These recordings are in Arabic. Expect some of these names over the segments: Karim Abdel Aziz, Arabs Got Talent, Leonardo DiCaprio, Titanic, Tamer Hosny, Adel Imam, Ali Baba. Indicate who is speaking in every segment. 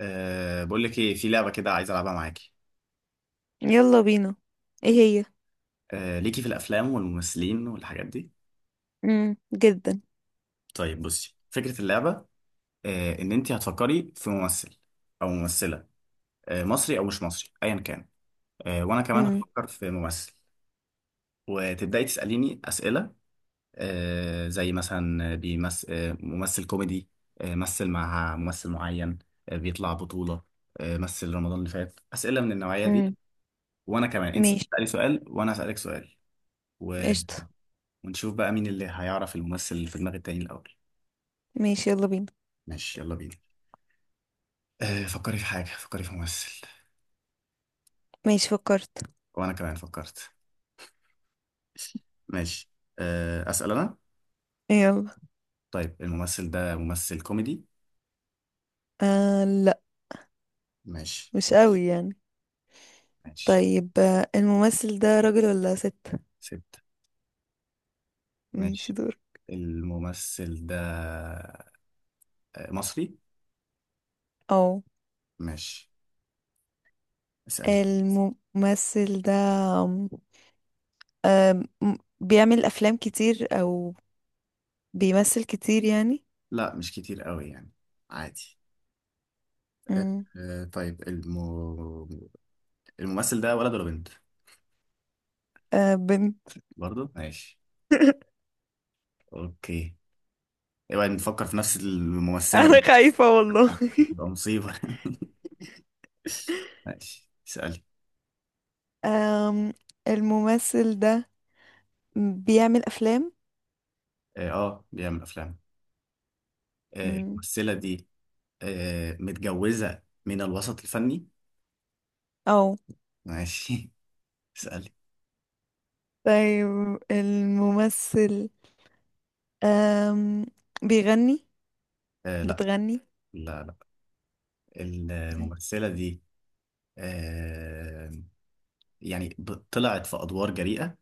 Speaker 1: بقول لك ايه في لعبه كده عايز العبها معاكي.
Speaker 2: يلا بينا. ايه هي؟
Speaker 1: ليكي في الافلام والممثلين والحاجات دي.
Speaker 2: جدا.
Speaker 1: طيب بصي، فكره اللعبه، ان انت هتفكري في ممثل او ممثله، مصري او مش مصري ايا كان. وانا كمان
Speaker 2: امم.
Speaker 1: هفكر في ممثل، وتبداي تساليني اسئله، زي مثلا بيمثل ممثل كوميدي، مثل مع ممثل معين، بيطلع بطوله، مثل رمضان اللي فات، اسئله من النوعيه دي.
Speaker 2: امم.
Speaker 1: وانا كمان انت
Speaker 2: ماشي.
Speaker 1: تسالي سؤال وانا اسالك سؤال.
Speaker 2: قشطة.
Speaker 1: ونشوف بقى مين اللي هيعرف الممثل اللي في دماغ التاني الأول.
Speaker 2: ماشي يلا بينا.
Speaker 1: ماشي يلا بينا. فكري في حاجة، فكري في ممثل.
Speaker 2: ماشي فكرت.
Speaker 1: وأنا كمان فكرت. ماشي. أسأل أنا.
Speaker 2: يلا.
Speaker 1: طيب الممثل ده ممثل كوميدي؟
Speaker 2: آه، لا.
Speaker 1: ماشي.
Speaker 2: مش قوي يعني.
Speaker 1: ماشي.
Speaker 2: طيب، الممثل ده راجل ولا ست؟
Speaker 1: سبت.
Speaker 2: ماشي
Speaker 1: ماشي.
Speaker 2: دور.
Speaker 1: الممثل ده مصري.
Speaker 2: او.
Speaker 1: ماشي. اسألي.
Speaker 2: الممثل ده آم، بيعمل افلام كتير او بيمثل كتير يعني.
Speaker 1: لا مش كتير قوي يعني، عادي. أه
Speaker 2: امم.
Speaker 1: طيب، الممثل ده ولد ولا بنت؟
Speaker 2: آه، بنت.
Speaker 1: برضه ماشي. اوكي. اوعي نفكر في نفس الممثلة،
Speaker 2: انا خايفة والله.
Speaker 1: بتبقى مصيبة. ماشي، اسألي.
Speaker 2: آم، الممثل ده بيعمل افلام.
Speaker 1: اه، بيعمل أفلام. الممثلة دي متجوزة من الوسط الفني.
Speaker 2: اه.
Speaker 1: ماشي. اسألي.
Speaker 2: طيب الممثل أم... بيغني؟
Speaker 1: لا.
Speaker 2: بتغني؟
Speaker 1: لا لا.
Speaker 2: طيب.
Speaker 1: الممثلة دي آه، يعني طلعت في أدوار جريئة.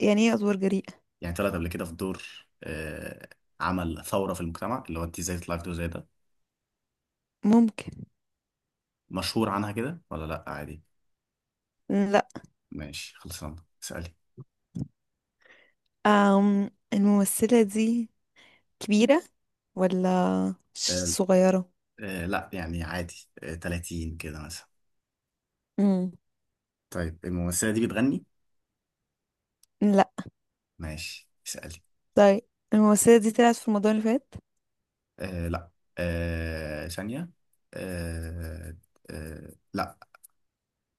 Speaker 2: يعني ايه أدوار جريئة؟
Speaker 1: يعني طلعت قبل كده في دور آه، عمل ثورة في المجتمع، اللي هو انت ازاي تطلعي في دور زي ده.
Speaker 2: ممكن.
Speaker 1: مشهور عنها كده ولا لا، عادي.
Speaker 2: لا.
Speaker 1: ماشي خلصنا. اسألي.
Speaker 2: الممثلة دي كبيرة ولا
Speaker 1: آه،
Speaker 2: صغيرة؟
Speaker 1: لا يعني عادي، 30 كده مثلا.
Speaker 2: مم.
Speaker 1: طيب الممثلة دي بتغني؟
Speaker 2: لا.
Speaker 1: ماشي اسألي.
Speaker 2: طيب الممثلة دي طلعت في رمضان اللي فات؟
Speaker 1: لا. ثانية. آه لا.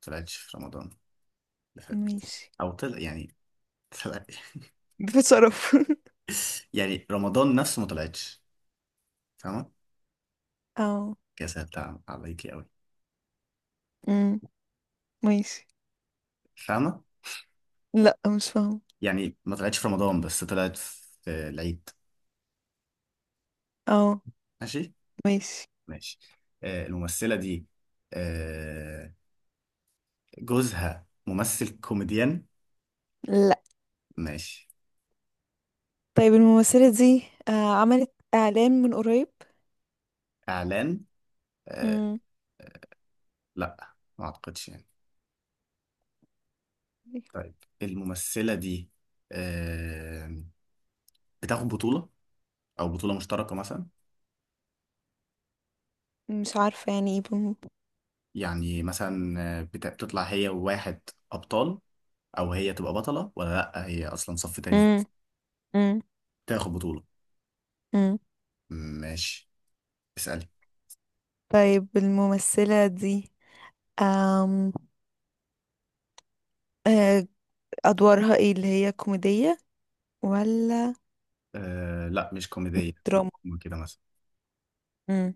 Speaker 1: طلعتش في رمضان اللي فات.
Speaker 2: ماشي.
Speaker 1: أو طلع يعني، طلع.
Speaker 2: بشرف.
Speaker 1: يعني رمضان نفسه ما طلعتش. فاهمة؟
Speaker 2: اه.
Speaker 1: كده سهلتها عليكي أوي.
Speaker 2: امم. ماشي.
Speaker 1: فاهمة؟
Speaker 2: لا، مش فاهمة.
Speaker 1: يعني ما طلعتش في رمضان بس طلعت في العيد.
Speaker 2: اه.
Speaker 1: ماشي؟
Speaker 2: ماشي.
Speaker 1: ماشي. الممثلة دي آه جوزها ممثل كوميديان.
Speaker 2: لا.
Speaker 1: ماشي.
Speaker 2: طيب الممثلة دي عملت إعلان من قريب؟
Speaker 1: إعلان. آه
Speaker 2: مم.
Speaker 1: لا ما أعتقدش يعني. طيب الممثلة دي آه، بتاخد بطولة، أو بطولة مشتركة مثلا.
Speaker 2: مش عارفة يعني ايه.
Speaker 1: يعني مثلا بتطلع هي وواحد، أبطال. أو هي تبقى بطلة ولا لأ هي أصلا صف تاني.
Speaker 2: مم. مم.
Speaker 1: تاخد بطولة.
Speaker 2: مم.
Speaker 1: ماشي اسألي.
Speaker 2: طيب الممثلة دي أم... آه، أدوارها ايه اللي هي كوميدية ولا
Speaker 1: لا مش كوميدية،
Speaker 2: دراما؟
Speaker 1: كده مثلا.
Speaker 2: مم.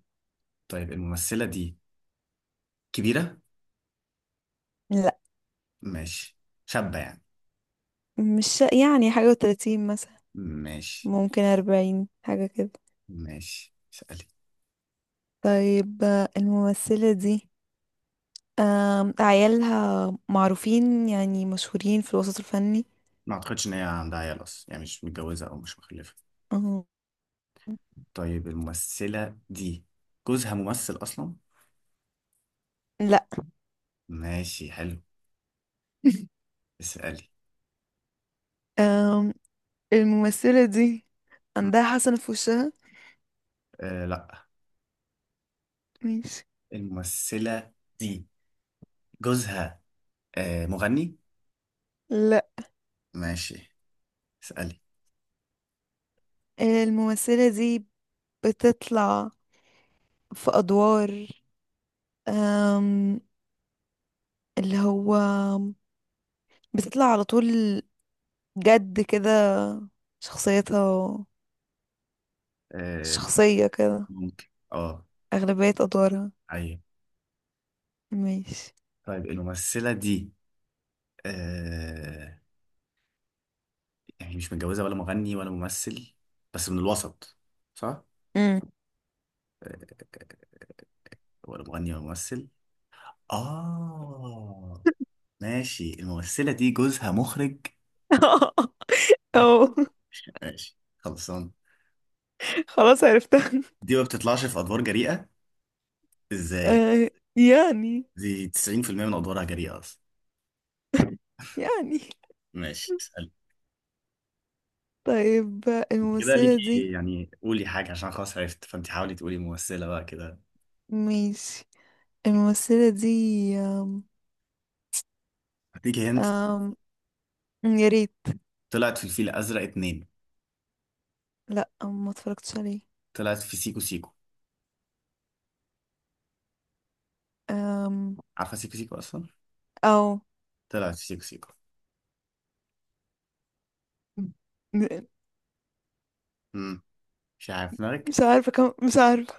Speaker 1: طيب الممثلة دي كبيرة.
Speaker 2: لا،
Speaker 1: ماشي. شابة يعني.
Speaker 2: مش يعني حاجة و30 مثلا.
Speaker 1: ماشي.
Speaker 2: ممكن 40 حاجة كده.
Speaker 1: ماشي اسألي.
Speaker 2: طيب، الممثلة دي عيالها معروفين يعني مشهورين في الوسط الفني؟
Speaker 1: ما أعتقدش إن هي عندها عيال أصلا، يعني مش متجوزة أو مش مخلفة.
Speaker 2: أم...
Speaker 1: طيب الممثلة دي جوزها ممثل أصلا؟
Speaker 2: لا.
Speaker 1: ماشي حلو. اسألي.
Speaker 2: أم... الممثلة دي
Speaker 1: م-
Speaker 2: عندها حسنة في وشها؟
Speaker 1: لا.
Speaker 2: ماشي.
Speaker 1: الممثلة دي جوزها مغني؟
Speaker 2: لا.
Speaker 1: ماشي اسألي.
Speaker 2: الممثلة دي بتطلع في أدوار، أم، اللي هو بتطلع على طول جد كده، شخصيتها
Speaker 1: آه
Speaker 2: شخصية كده
Speaker 1: ممكن. اه.
Speaker 2: أغلبية أدوارها.
Speaker 1: أيوة.
Speaker 2: ماشي.
Speaker 1: طيب الممثلة دي آه يعني مش متجوزة ولا مغني ولا ممثل، بس من الوسط. صح؟
Speaker 2: مم.
Speaker 1: آه ولا مغني ولا ممثل؟ آه ماشي. الممثلة دي جوزها مخرج؟
Speaker 2: أو.
Speaker 1: ماشي ماشي خلصان.
Speaker 2: خلاص عرفتها.
Speaker 1: دي ما بتطلعش في ادوار جريئه. ازاي يعني؟
Speaker 2: أه، يعني،
Speaker 1: دي 90% من ادوارها جريئه اصلا.
Speaker 2: يعني.
Speaker 1: ماشي تسأل.
Speaker 2: طيب
Speaker 1: كده
Speaker 2: الممثلة دي.
Speaker 1: ليكي، يعني قولي حاجه عشان خلاص عرفت، فانت حاولي تقولي ممثله بقى كده.
Speaker 2: ماشي. الممثلة دي. أم
Speaker 1: هديكي هنت.
Speaker 2: أم يا ريت.
Speaker 1: طلعت في الفيل الازرق 2.
Speaker 2: لا، ما اتفرجتش عليه.
Speaker 1: طلعت في سيكو سيكو.
Speaker 2: أم...
Speaker 1: عارفه سيكو سيكو اصلا.
Speaker 2: أو.
Speaker 1: طلعت في سيكو سيكو.
Speaker 2: م-
Speaker 1: امم مش عارف دماغك.
Speaker 2: مش عارفة كم مش عارفة.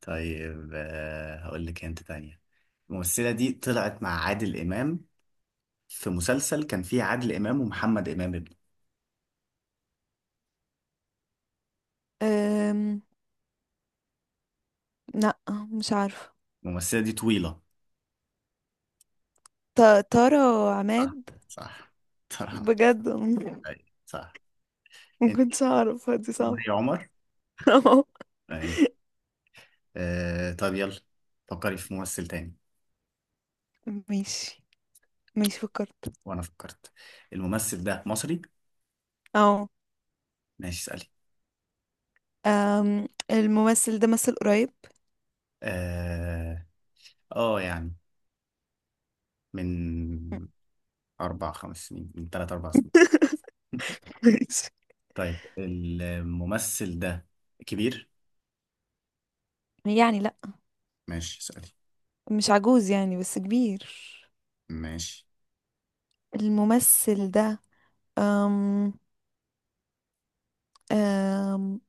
Speaker 1: طيب هقول لك هنت تانية. الممثله دي طلعت مع عادل امام في مسلسل كان فيه عادل امام ومحمد امام ابنه.
Speaker 2: أم... لأ، مش عارفة.
Speaker 1: الممثله دي طويله.
Speaker 2: ط... طارة
Speaker 1: صح.
Speaker 2: عماد.
Speaker 1: صح. طبعا.
Speaker 2: بجد،
Speaker 1: أيوة، صح.
Speaker 2: ما
Speaker 1: انت
Speaker 2: كنتش أعرفها، دي
Speaker 1: مي
Speaker 2: صعبة.
Speaker 1: عمر.
Speaker 2: أهو.
Speaker 1: اهي. طب يلا، فكري في ممثل تاني.
Speaker 2: ماشي. ماشي فكرت.
Speaker 1: وانا فكرت. الممثل ده مصري.
Speaker 2: أو.
Speaker 1: ماشي اسألي.
Speaker 2: الممثل ده مثل قريب؟
Speaker 1: اه. يعني من 4 5 سنين، من 3 4 سنين.
Speaker 2: ماشي.
Speaker 1: طيب الممثل ده كبير.
Speaker 2: يعني لأ.
Speaker 1: ماشي اسألي.
Speaker 2: مش عجوز يعني، بس كبير.
Speaker 1: ماشي.
Speaker 2: الممثل ده أم... أم...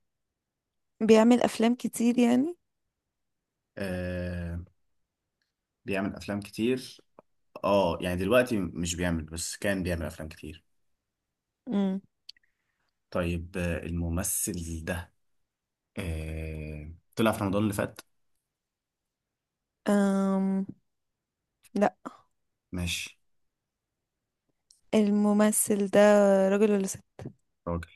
Speaker 2: بيعمل أفلام كتير يعني؟
Speaker 1: آه بيعمل افلام كتير. اه يعني دلوقتي مش بيعمل، بس كان بيعمل افلام كتير.
Speaker 2: أم...
Speaker 1: طيب الممثل ده طلع في رمضان اللي فات.
Speaker 2: أم... لأ.
Speaker 1: ماشي.
Speaker 2: الممثل ده راجل ولا ست؟
Speaker 1: راجل.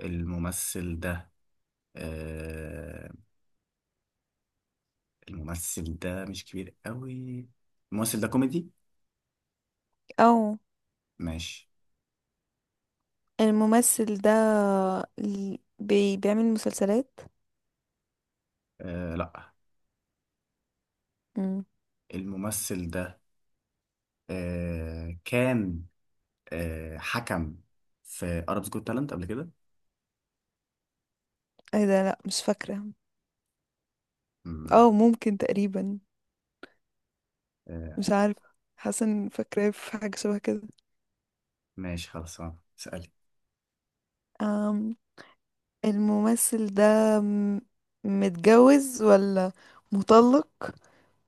Speaker 1: الممثل ده آه الممثل ده مش كبير قوي. الممثل ده كوميدي.
Speaker 2: او.
Speaker 1: ماشي.
Speaker 2: الممثل ده ال- بي بيعمل مسلسلات؟
Speaker 1: لا.
Speaker 2: مم.
Speaker 1: الممثل ده كان حكم في Arabs Got Talent قبل كده.
Speaker 2: ايه ده، لا مش فاكرة.
Speaker 1: مم.
Speaker 2: او ممكن تقريبا.
Speaker 1: آه
Speaker 2: مش عارفة. حاسة ان فاكرة في حاجة شبه كده.
Speaker 1: ماشي خلاص، سألي.
Speaker 2: أم الممثل ده م- متجوز ولا مطلق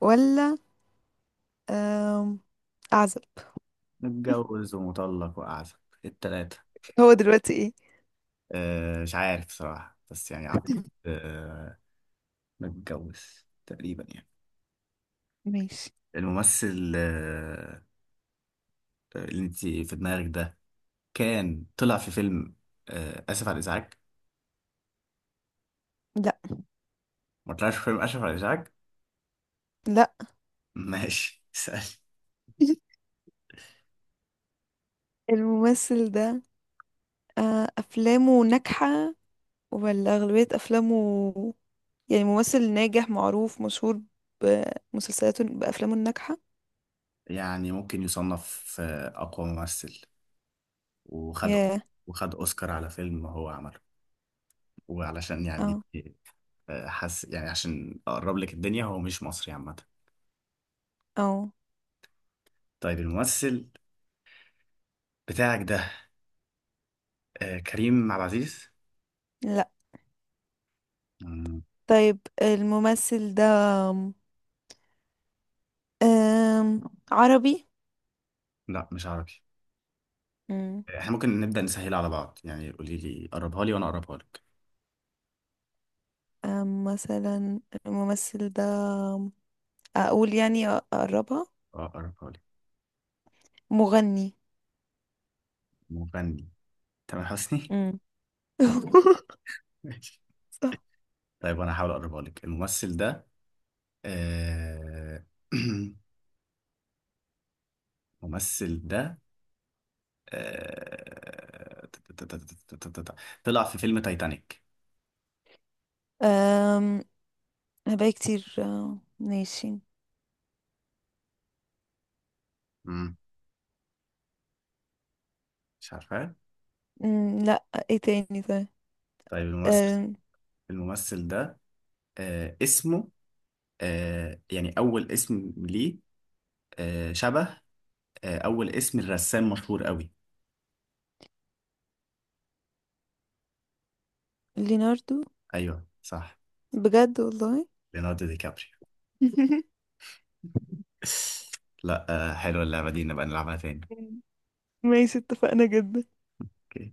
Speaker 2: ولا أم أعزب؟
Speaker 1: متجوز ومطلق وأعزب، التلاتة.
Speaker 2: هو دلوقتي ايه؟
Speaker 1: مش عارف صراحة بس يعني أعتقد آه متجوز تقريبا يعني.
Speaker 2: ماشي.
Speaker 1: الممثل اللي انت في دماغك ده كان طلع في فيلم اسف على الازعاج.
Speaker 2: لا.
Speaker 1: ما طلعش في فيلم اسف على الازعاج.
Speaker 2: لا.
Speaker 1: ماشي اسال.
Speaker 2: الممثل ده أفلامه ناجحة ولا أغلبية أفلامه؟ يعني ممثل ناجح معروف مشهور بمسلسلاته بأفلامه الناجحة.
Speaker 1: يعني ممكن يصنف اقوى ممثل، وخد
Speaker 2: ياه.
Speaker 1: وخد اوسكار على فيلم هو عمله. وعلشان يعني
Speaker 2: اه.
Speaker 1: حس يعني، عشان اقرب لك الدنيا هو مش مصري عامه.
Speaker 2: اه.
Speaker 1: طيب الممثل بتاعك ده كريم عبد العزيز.
Speaker 2: لا.
Speaker 1: مم.
Speaker 2: طيب، الممثل ده أم عربي؟
Speaker 1: لا مش عربي.
Speaker 2: مم.
Speaker 1: احنا ممكن نبدأ نسهل على بعض، يعني قولي لي قربها لي وانا اقربها لك.
Speaker 2: مثلا الممثل ده أقول يعني أقربها.
Speaker 1: اه قربها لي.
Speaker 2: مغني.
Speaker 1: مغني. تامر حسني.
Speaker 2: مم.
Speaker 1: ماشي.
Speaker 2: صح.
Speaker 1: طيب انا هحاول اقربها لك. الممثل ده آه... الممثل ده آه... تا- تا- تا- تا- تا- تا- تا- تا- طلع في فيلم تايتانيك.
Speaker 2: أم هبقى كتير، ماشي.
Speaker 1: مم. مش عارفه.
Speaker 2: مم، لا ايه تاني؟ طيب.
Speaker 1: طيب
Speaker 2: أم
Speaker 1: الممثل ده اسمه يعني اول اسم ليه شبه، اول اسم الرسام مشهور قوي.
Speaker 2: ليناردو.
Speaker 1: ايوه صح.
Speaker 2: بجد والله.
Speaker 1: ليوناردو دي كابريو. لا. حلوه اللعبه دي، نبقى نلعبها تاني.
Speaker 2: ماشي اتفقنا جدا.
Speaker 1: اوكي.